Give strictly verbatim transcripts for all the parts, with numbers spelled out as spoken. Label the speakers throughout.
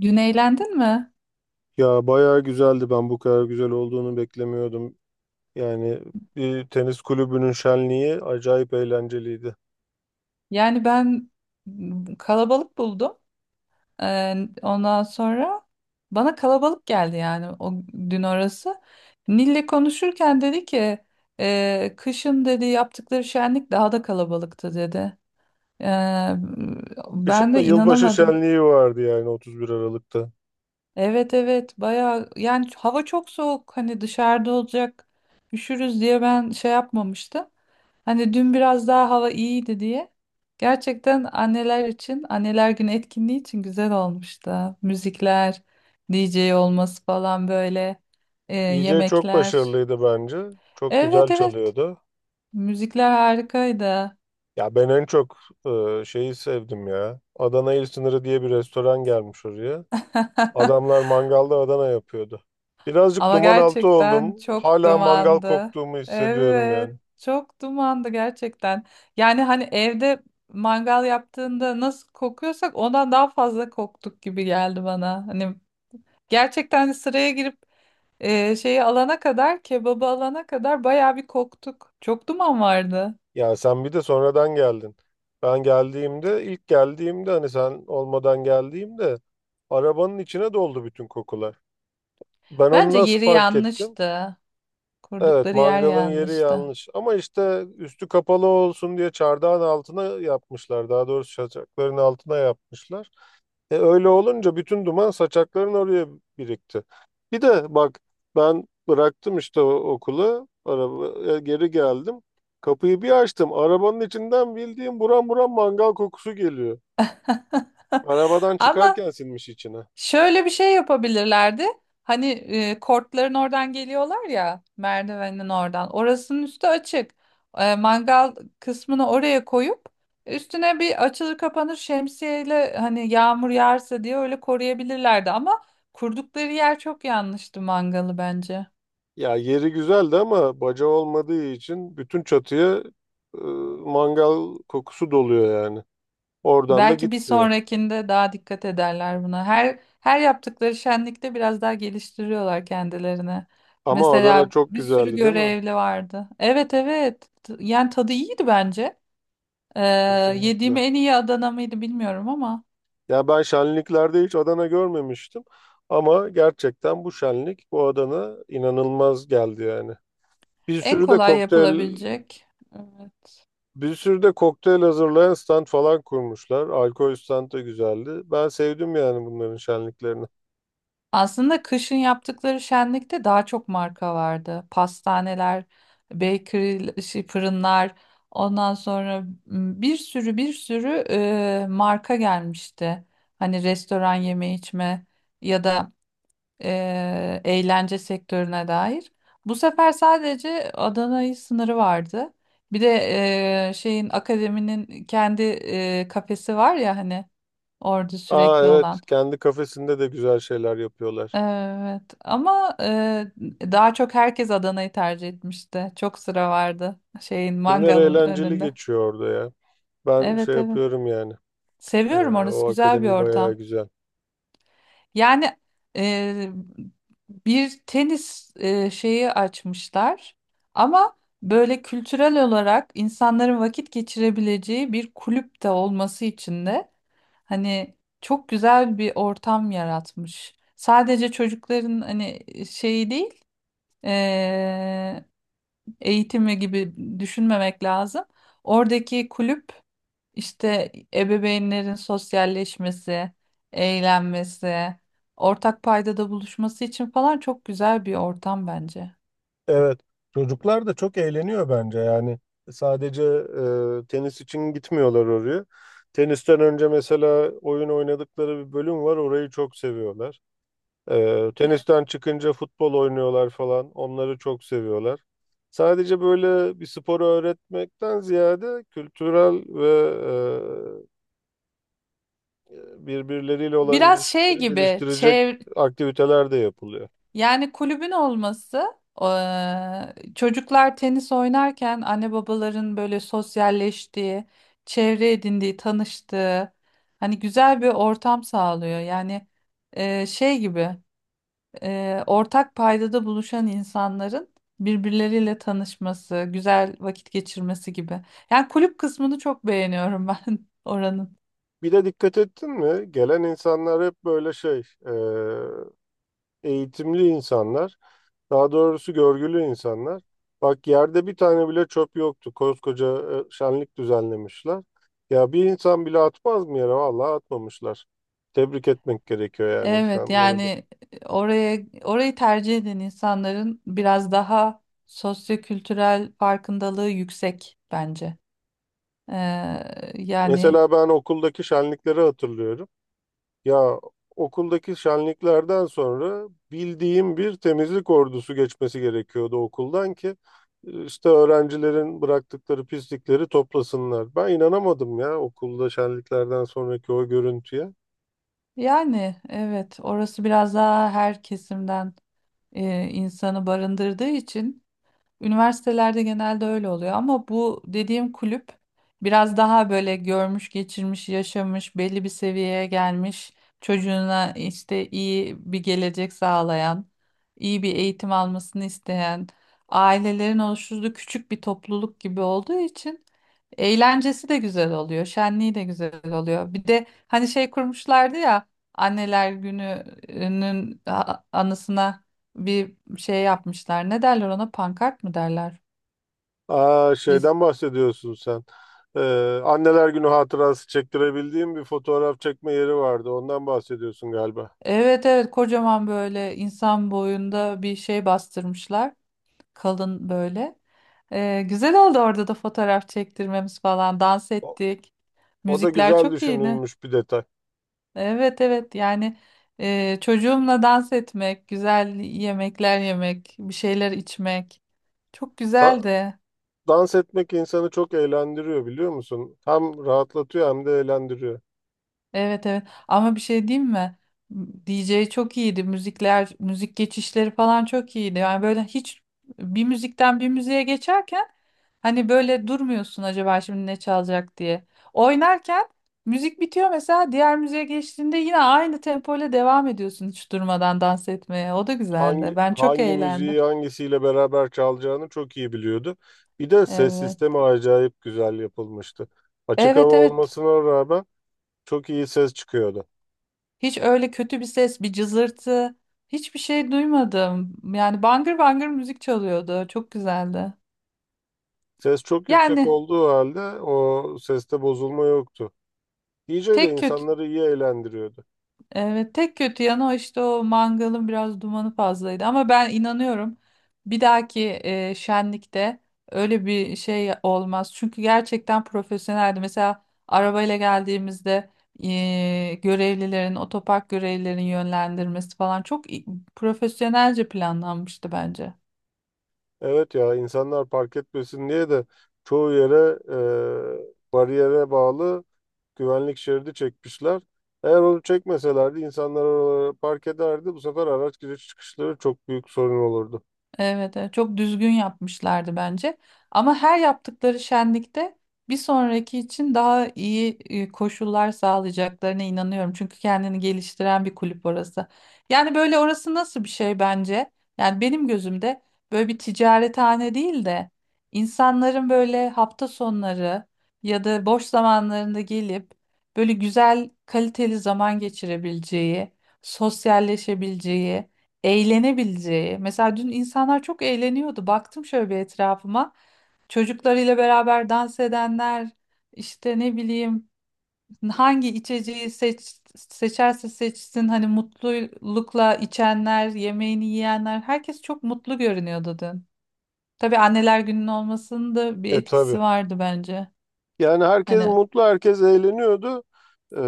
Speaker 1: Dün eğlendin mi?
Speaker 2: Ya bayağı güzeldi. Ben bu kadar güzel olduğunu beklemiyordum. Yani bir tenis kulübünün şenliği acayip eğlenceliydi.
Speaker 1: Yani ben m, kalabalık buldum. Ee, ondan sonra bana kalabalık geldi yani o dün orası. Nil'le konuşurken dedi ki "Ee, kışın dedi yaptıkları şenlik daha da kalabalıktı dedi. Ee,
Speaker 2: Kışın
Speaker 1: ben
Speaker 2: da
Speaker 1: de
Speaker 2: yılbaşı
Speaker 1: inanamadım.
Speaker 2: şenliği vardı yani otuz bir Aralık'ta.
Speaker 1: Evet evet bayağı yani hava çok soğuk hani dışarıda olacak üşürüz diye ben şey yapmamıştım. Hani dün biraz daha hava iyiydi diye. Gerçekten anneler için anneler günü etkinliği için güzel olmuştu. Müzikler, D J olması falan böyle e,
Speaker 2: E J çok
Speaker 1: yemekler.
Speaker 2: başarılıydı bence. Çok
Speaker 1: Evet
Speaker 2: güzel
Speaker 1: evet,
Speaker 2: çalıyordu.
Speaker 1: müzikler harikaydı.
Speaker 2: Ya ben en çok e, şeyi sevdim ya. Adana İl Sınırı diye bir restoran gelmiş oraya. Adamlar mangalda Adana yapıyordu. Birazcık
Speaker 1: Ama
Speaker 2: duman altı
Speaker 1: gerçekten
Speaker 2: oldum.
Speaker 1: çok
Speaker 2: Hala mangal
Speaker 1: dumandı.
Speaker 2: koktuğumu hissediyorum yani.
Speaker 1: Evet, çok dumandı gerçekten. Yani hani evde mangal yaptığında nasıl kokuyorsak ondan daha fazla koktuk gibi geldi bana. Hani gerçekten hani sıraya girip e, şeyi alana kadar, kebabı alana kadar bayağı bir koktuk. Çok duman vardı.
Speaker 2: Ya sen bir de sonradan geldin. Ben geldiğimde, ilk geldiğimde hani sen olmadan geldiğimde arabanın içine doldu bütün kokular. Ben onu
Speaker 1: Bence
Speaker 2: nasıl
Speaker 1: yeri
Speaker 2: fark ettim?
Speaker 1: yanlıştı.
Speaker 2: Evet,
Speaker 1: Kurdukları yer
Speaker 2: mangalın yeri
Speaker 1: yanlıştı.
Speaker 2: yanlış. Ama işte üstü kapalı olsun diye çardağın altına yapmışlar. Daha doğrusu çaçakların altına yapmışlar. E öyle olunca bütün duman saçakların oraya birikti. Bir de bak ben bıraktım işte o okulu, araba, e, geri geldim. Kapıyı bir açtım. Arabanın içinden bildiğim buram buram mangal kokusu geliyor. Arabadan
Speaker 1: Ama
Speaker 2: çıkarken sinmiş içine.
Speaker 1: şöyle bir şey yapabilirlerdi. Hani e, kortların oradan geliyorlar ya, merdivenin oradan. Orasının üstü açık. E, mangal kısmını oraya koyup üstüne bir açılır kapanır şemsiyeyle hani yağmur yağarsa diye öyle koruyabilirlerdi. Ama kurdukları yer çok yanlıştı mangalı bence.
Speaker 2: Ya yeri güzeldi ama baca olmadığı için bütün çatıya e, mangal kokusu doluyor yani. Oradan da
Speaker 1: Belki bir
Speaker 2: gitmiyor.
Speaker 1: sonrakinde daha dikkat ederler buna. Her her yaptıkları şenlikte biraz daha geliştiriyorlar kendilerini.
Speaker 2: Ama Adana
Speaker 1: Mesela
Speaker 2: çok
Speaker 1: bir sürü
Speaker 2: güzeldi, değil mi?
Speaker 1: görevli vardı. Evet evet. T- Yani tadı iyiydi bence. Ee, yediğim
Speaker 2: Kesinlikle.
Speaker 1: en iyi Adana mıydı bilmiyorum ama
Speaker 2: Ya ben şenliklerde hiç Adana görmemiştim. Ama gerçekten bu şenlik, bu Adana inanılmaz geldi yani. Bir
Speaker 1: en
Speaker 2: sürü de
Speaker 1: kolay
Speaker 2: kokteyl
Speaker 1: yapılabilecek.
Speaker 2: bir sürü de kokteyl hazırlayan stand falan kurmuşlar. Alkol stand da güzeldi. Ben sevdim yani bunların şenliklerini.
Speaker 1: Aslında kışın yaptıkları şenlikte daha çok marka vardı. Pastaneler, bakery, şey, fırınlar, ondan sonra m, bir sürü bir sürü e, marka gelmişti. Hani restoran, yeme içme ya da e, eğlence sektörüne dair. Bu sefer sadece Adana'yı sınırı vardı. Bir de e, şeyin, akademinin kendi e, kafesi var ya hani, orada
Speaker 2: Aa
Speaker 1: sürekli
Speaker 2: evet,
Speaker 1: olan.
Speaker 2: kendi kafesinde de güzel şeyler yapıyorlar.
Speaker 1: Evet ama e, daha çok herkes Adana'yı tercih etmişti. Çok sıra vardı şeyin,
Speaker 2: Günler
Speaker 1: mangalın
Speaker 2: eğlenceli
Speaker 1: önünde.
Speaker 2: geçiyor orada ya. Ben şey
Speaker 1: Evet evet.
Speaker 2: yapıyorum yani. Ee,
Speaker 1: Seviyorum, orası
Speaker 2: O
Speaker 1: güzel bir
Speaker 2: akademi bayağı
Speaker 1: ortam.
Speaker 2: güzel.
Speaker 1: Yani e, bir tenis e, şeyi açmışlar ama böyle kültürel olarak insanların vakit geçirebileceği bir kulüp de olması için de hani çok güzel bir ortam yaratmış. Sadece çocukların hani şeyi değil, e, eğitimi gibi düşünmemek lazım. Oradaki kulüp işte ebeveynlerin sosyalleşmesi, eğlenmesi, ortak paydada buluşması için falan çok güzel bir ortam bence.
Speaker 2: Evet, çocuklar da çok eğleniyor bence yani sadece e, tenis için gitmiyorlar oraya. Tenisten önce mesela oyun oynadıkları bir bölüm var, orayı çok seviyorlar. E, tenisten çıkınca futbol oynuyorlar falan, onları çok seviyorlar. Sadece böyle bir sporu öğretmekten ziyade kültürel ve e, birbirleriyle olan
Speaker 1: Biraz şey
Speaker 2: ilişkileri
Speaker 1: gibi,
Speaker 2: geliştirecek
Speaker 1: çev-
Speaker 2: aktiviteler de yapılıyor.
Speaker 1: yani kulübün olması, eee, çocuklar tenis oynarken anne babaların böyle sosyalleştiği, çevre edindiği, tanıştığı hani güzel bir ortam sağlıyor. Yani eee, şey gibi, eee, ortak paydada buluşan insanların birbirleriyle tanışması, güzel vakit geçirmesi gibi. Yani kulüp kısmını çok beğeniyorum ben oranın.
Speaker 2: Bir de dikkat ettin mi? Gelen insanlar hep böyle şey, eğitimli insanlar, daha doğrusu görgülü insanlar. Bak, yerde bir tane bile çöp yoktu. Koskoca e, şenlik düzenlemişler. Ya bir insan bile atmaz mı yere? Vallahi atmamışlar. Tebrik etmek gerekiyor yani
Speaker 1: Evet
Speaker 2: insanları da.
Speaker 1: yani e, oraya orayı tercih eden insanların biraz daha sosyokültürel farkındalığı yüksek bence. Ee, yani
Speaker 2: Mesela ben okuldaki şenlikleri hatırlıyorum. Ya okuldaki şenliklerden sonra bildiğim bir temizlik ordusu geçmesi gerekiyordu okuldan ki işte öğrencilerin bıraktıkları pislikleri toplasınlar. Ben inanamadım ya okulda şenliklerden sonraki o görüntüye.
Speaker 1: yani evet, orası biraz daha her kesimden e, insanı barındırdığı için. Üniversitelerde genelde öyle oluyor ama bu dediğim kulüp biraz daha böyle görmüş, geçirmiş, yaşamış, belli bir seviyeye gelmiş, çocuğuna işte iyi bir gelecek sağlayan, iyi bir eğitim almasını isteyen ailelerin oluşturduğu küçük bir topluluk gibi olduğu için eğlencesi de güzel oluyor, şenliği de güzel oluyor. Bir de hani şey kurmuşlardı ya, Anneler Günü'nün a- anısına bir şey yapmışlar. Ne derler ona? Pankart mı derler?
Speaker 2: Aa
Speaker 1: Riz-
Speaker 2: şeyden bahsediyorsun sen. Ee, Anneler Günü hatırası çektirebildiğim bir fotoğraf çekme yeri vardı. Ondan bahsediyorsun galiba.
Speaker 1: Evet evet, kocaman böyle insan boyunda bir şey bastırmışlar. Kalın böyle. Ee, güzel oldu orada da fotoğraf çektirmemiz falan. Dans
Speaker 2: O,
Speaker 1: ettik.
Speaker 2: o da
Speaker 1: Müzikler
Speaker 2: güzel
Speaker 1: çok iyiydi.
Speaker 2: düşünülmüş bir detay.
Speaker 1: Evet evet yani e, çocuğumla dans etmek, güzel yemekler yemek, bir şeyler içmek. Çok
Speaker 2: Ha-
Speaker 1: güzeldi.
Speaker 2: Dans etmek insanı çok eğlendiriyor, biliyor musun? Hem rahatlatıyor hem de eğlendiriyor.
Speaker 1: Evet evet, ama bir şey diyeyim mi? D J çok iyiydi. Müzikler, müzik geçişleri falan çok iyiydi. Yani böyle hiç bir müzikten bir müziğe geçerken hani böyle durmuyorsun acaba şimdi ne çalacak diye. Oynarken müzik bitiyor mesela, diğer müziğe geçtiğinde yine aynı tempo ile devam ediyorsun hiç durmadan dans etmeye. O da güzeldi.
Speaker 2: Hangi
Speaker 1: Ben çok
Speaker 2: hangi
Speaker 1: eğlendim.
Speaker 2: müziği hangisiyle beraber çalacağını çok iyi biliyordu. Bir de ses
Speaker 1: Evet.
Speaker 2: sistemi acayip güzel yapılmıştı. Açık hava
Speaker 1: Evet evet.
Speaker 2: olmasına rağmen çok iyi ses çıkıyordu.
Speaker 1: Hiç öyle kötü bir ses, bir cızırtı, hiçbir şey duymadım. Yani bangır bangır müzik çalıyordu. Çok güzeldi.
Speaker 2: Ses çok yüksek
Speaker 1: Yani
Speaker 2: olduğu halde o seste bozulma yoktu. D J de
Speaker 1: tek kötü
Speaker 2: insanları iyi eğlendiriyordu.
Speaker 1: evet, tek kötü yanı o işte, o mangalın biraz dumanı fazlaydı, ama ben inanıyorum bir dahaki e, şenlikte öyle bir şey olmaz. Çünkü gerçekten profesyoneldi. Mesela arabayla geldiğimizde e, görevlilerin, otopark görevlilerin yönlendirmesi falan çok i- profesyonelce planlanmıştı bence.
Speaker 2: Evet ya, insanlar park etmesin diye de çoğu yere e, bariyere bağlı güvenlik şeridi çekmişler. Eğer onu çekmeselerdi insanlar oralara park ederdi. Bu sefer araç giriş çıkışları çok büyük sorun olurdu.
Speaker 1: Evet, evet, çok düzgün yapmışlardı bence. Ama her yaptıkları şenlikte bir sonraki için daha iyi e, koşullar sağlayacaklarına inanıyorum. Çünkü kendini geliştiren bir kulüp orası. Yani böyle orası nasıl bir şey bence? Yani benim gözümde böyle bir ticarethane değil de insanların böyle hafta sonları ya da boş zamanlarında gelip böyle güzel kaliteli zaman geçirebileceği, sosyalleşebileceği, eğlenebileceği. Mesela dün insanlar çok eğleniyordu. Baktım şöyle bir etrafıma. Çocuklarıyla beraber dans edenler, işte ne bileyim, hangi içeceği seç, seçerse seçsin hani mutlulukla içenler, yemeğini yiyenler, herkes çok mutlu görünüyordu dün. Tabii anneler gününün olmasının da bir
Speaker 2: E tabii.
Speaker 1: etkisi vardı bence.
Speaker 2: Yani herkes
Speaker 1: Hani
Speaker 2: mutlu, herkes eğleniyordu. E,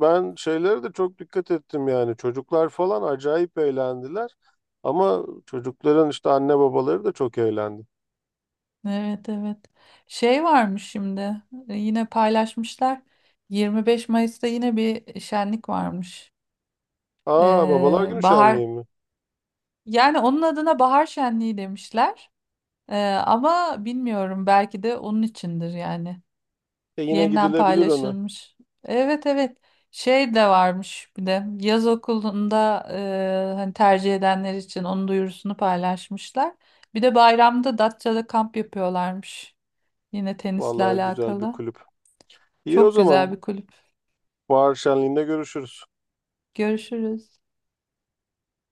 Speaker 2: Ben şeylere de çok dikkat ettim yani. Çocuklar falan acayip eğlendiler. Ama çocukların işte anne babaları da çok eğlendi.
Speaker 1: evet evet. Şey varmış şimdi, yine paylaşmışlar. yirmi beş Mayıs'ta yine bir şenlik varmış.
Speaker 2: Aa babalar
Speaker 1: Ee,
Speaker 2: günü
Speaker 1: bahar,
Speaker 2: şenliği mi?
Speaker 1: yani onun adına bahar şenliği demişler. Ee, ama bilmiyorum, belki de onun içindir yani.
Speaker 2: E yine
Speaker 1: Yeniden
Speaker 2: gidilebilir ona.
Speaker 1: paylaşılmış. Evet evet. Şey de varmış, bir de yaz okulunda e, hani tercih edenler için onun duyurusunu paylaşmışlar. Bir de bayramda Datça'da kamp yapıyorlarmış. Yine tenisle
Speaker 2: Vallahi güzel bir
Speaker 1: alakalı.
Speaker 2: kulüp. İyi o
Speaker 1: Çok güzel
Speaker 2: zaman.
Speaker 1: bir kulüp.
Speaker 2: Bahar Şenliği'nde görüşürüz.
Speaker 1: Görüşürüz.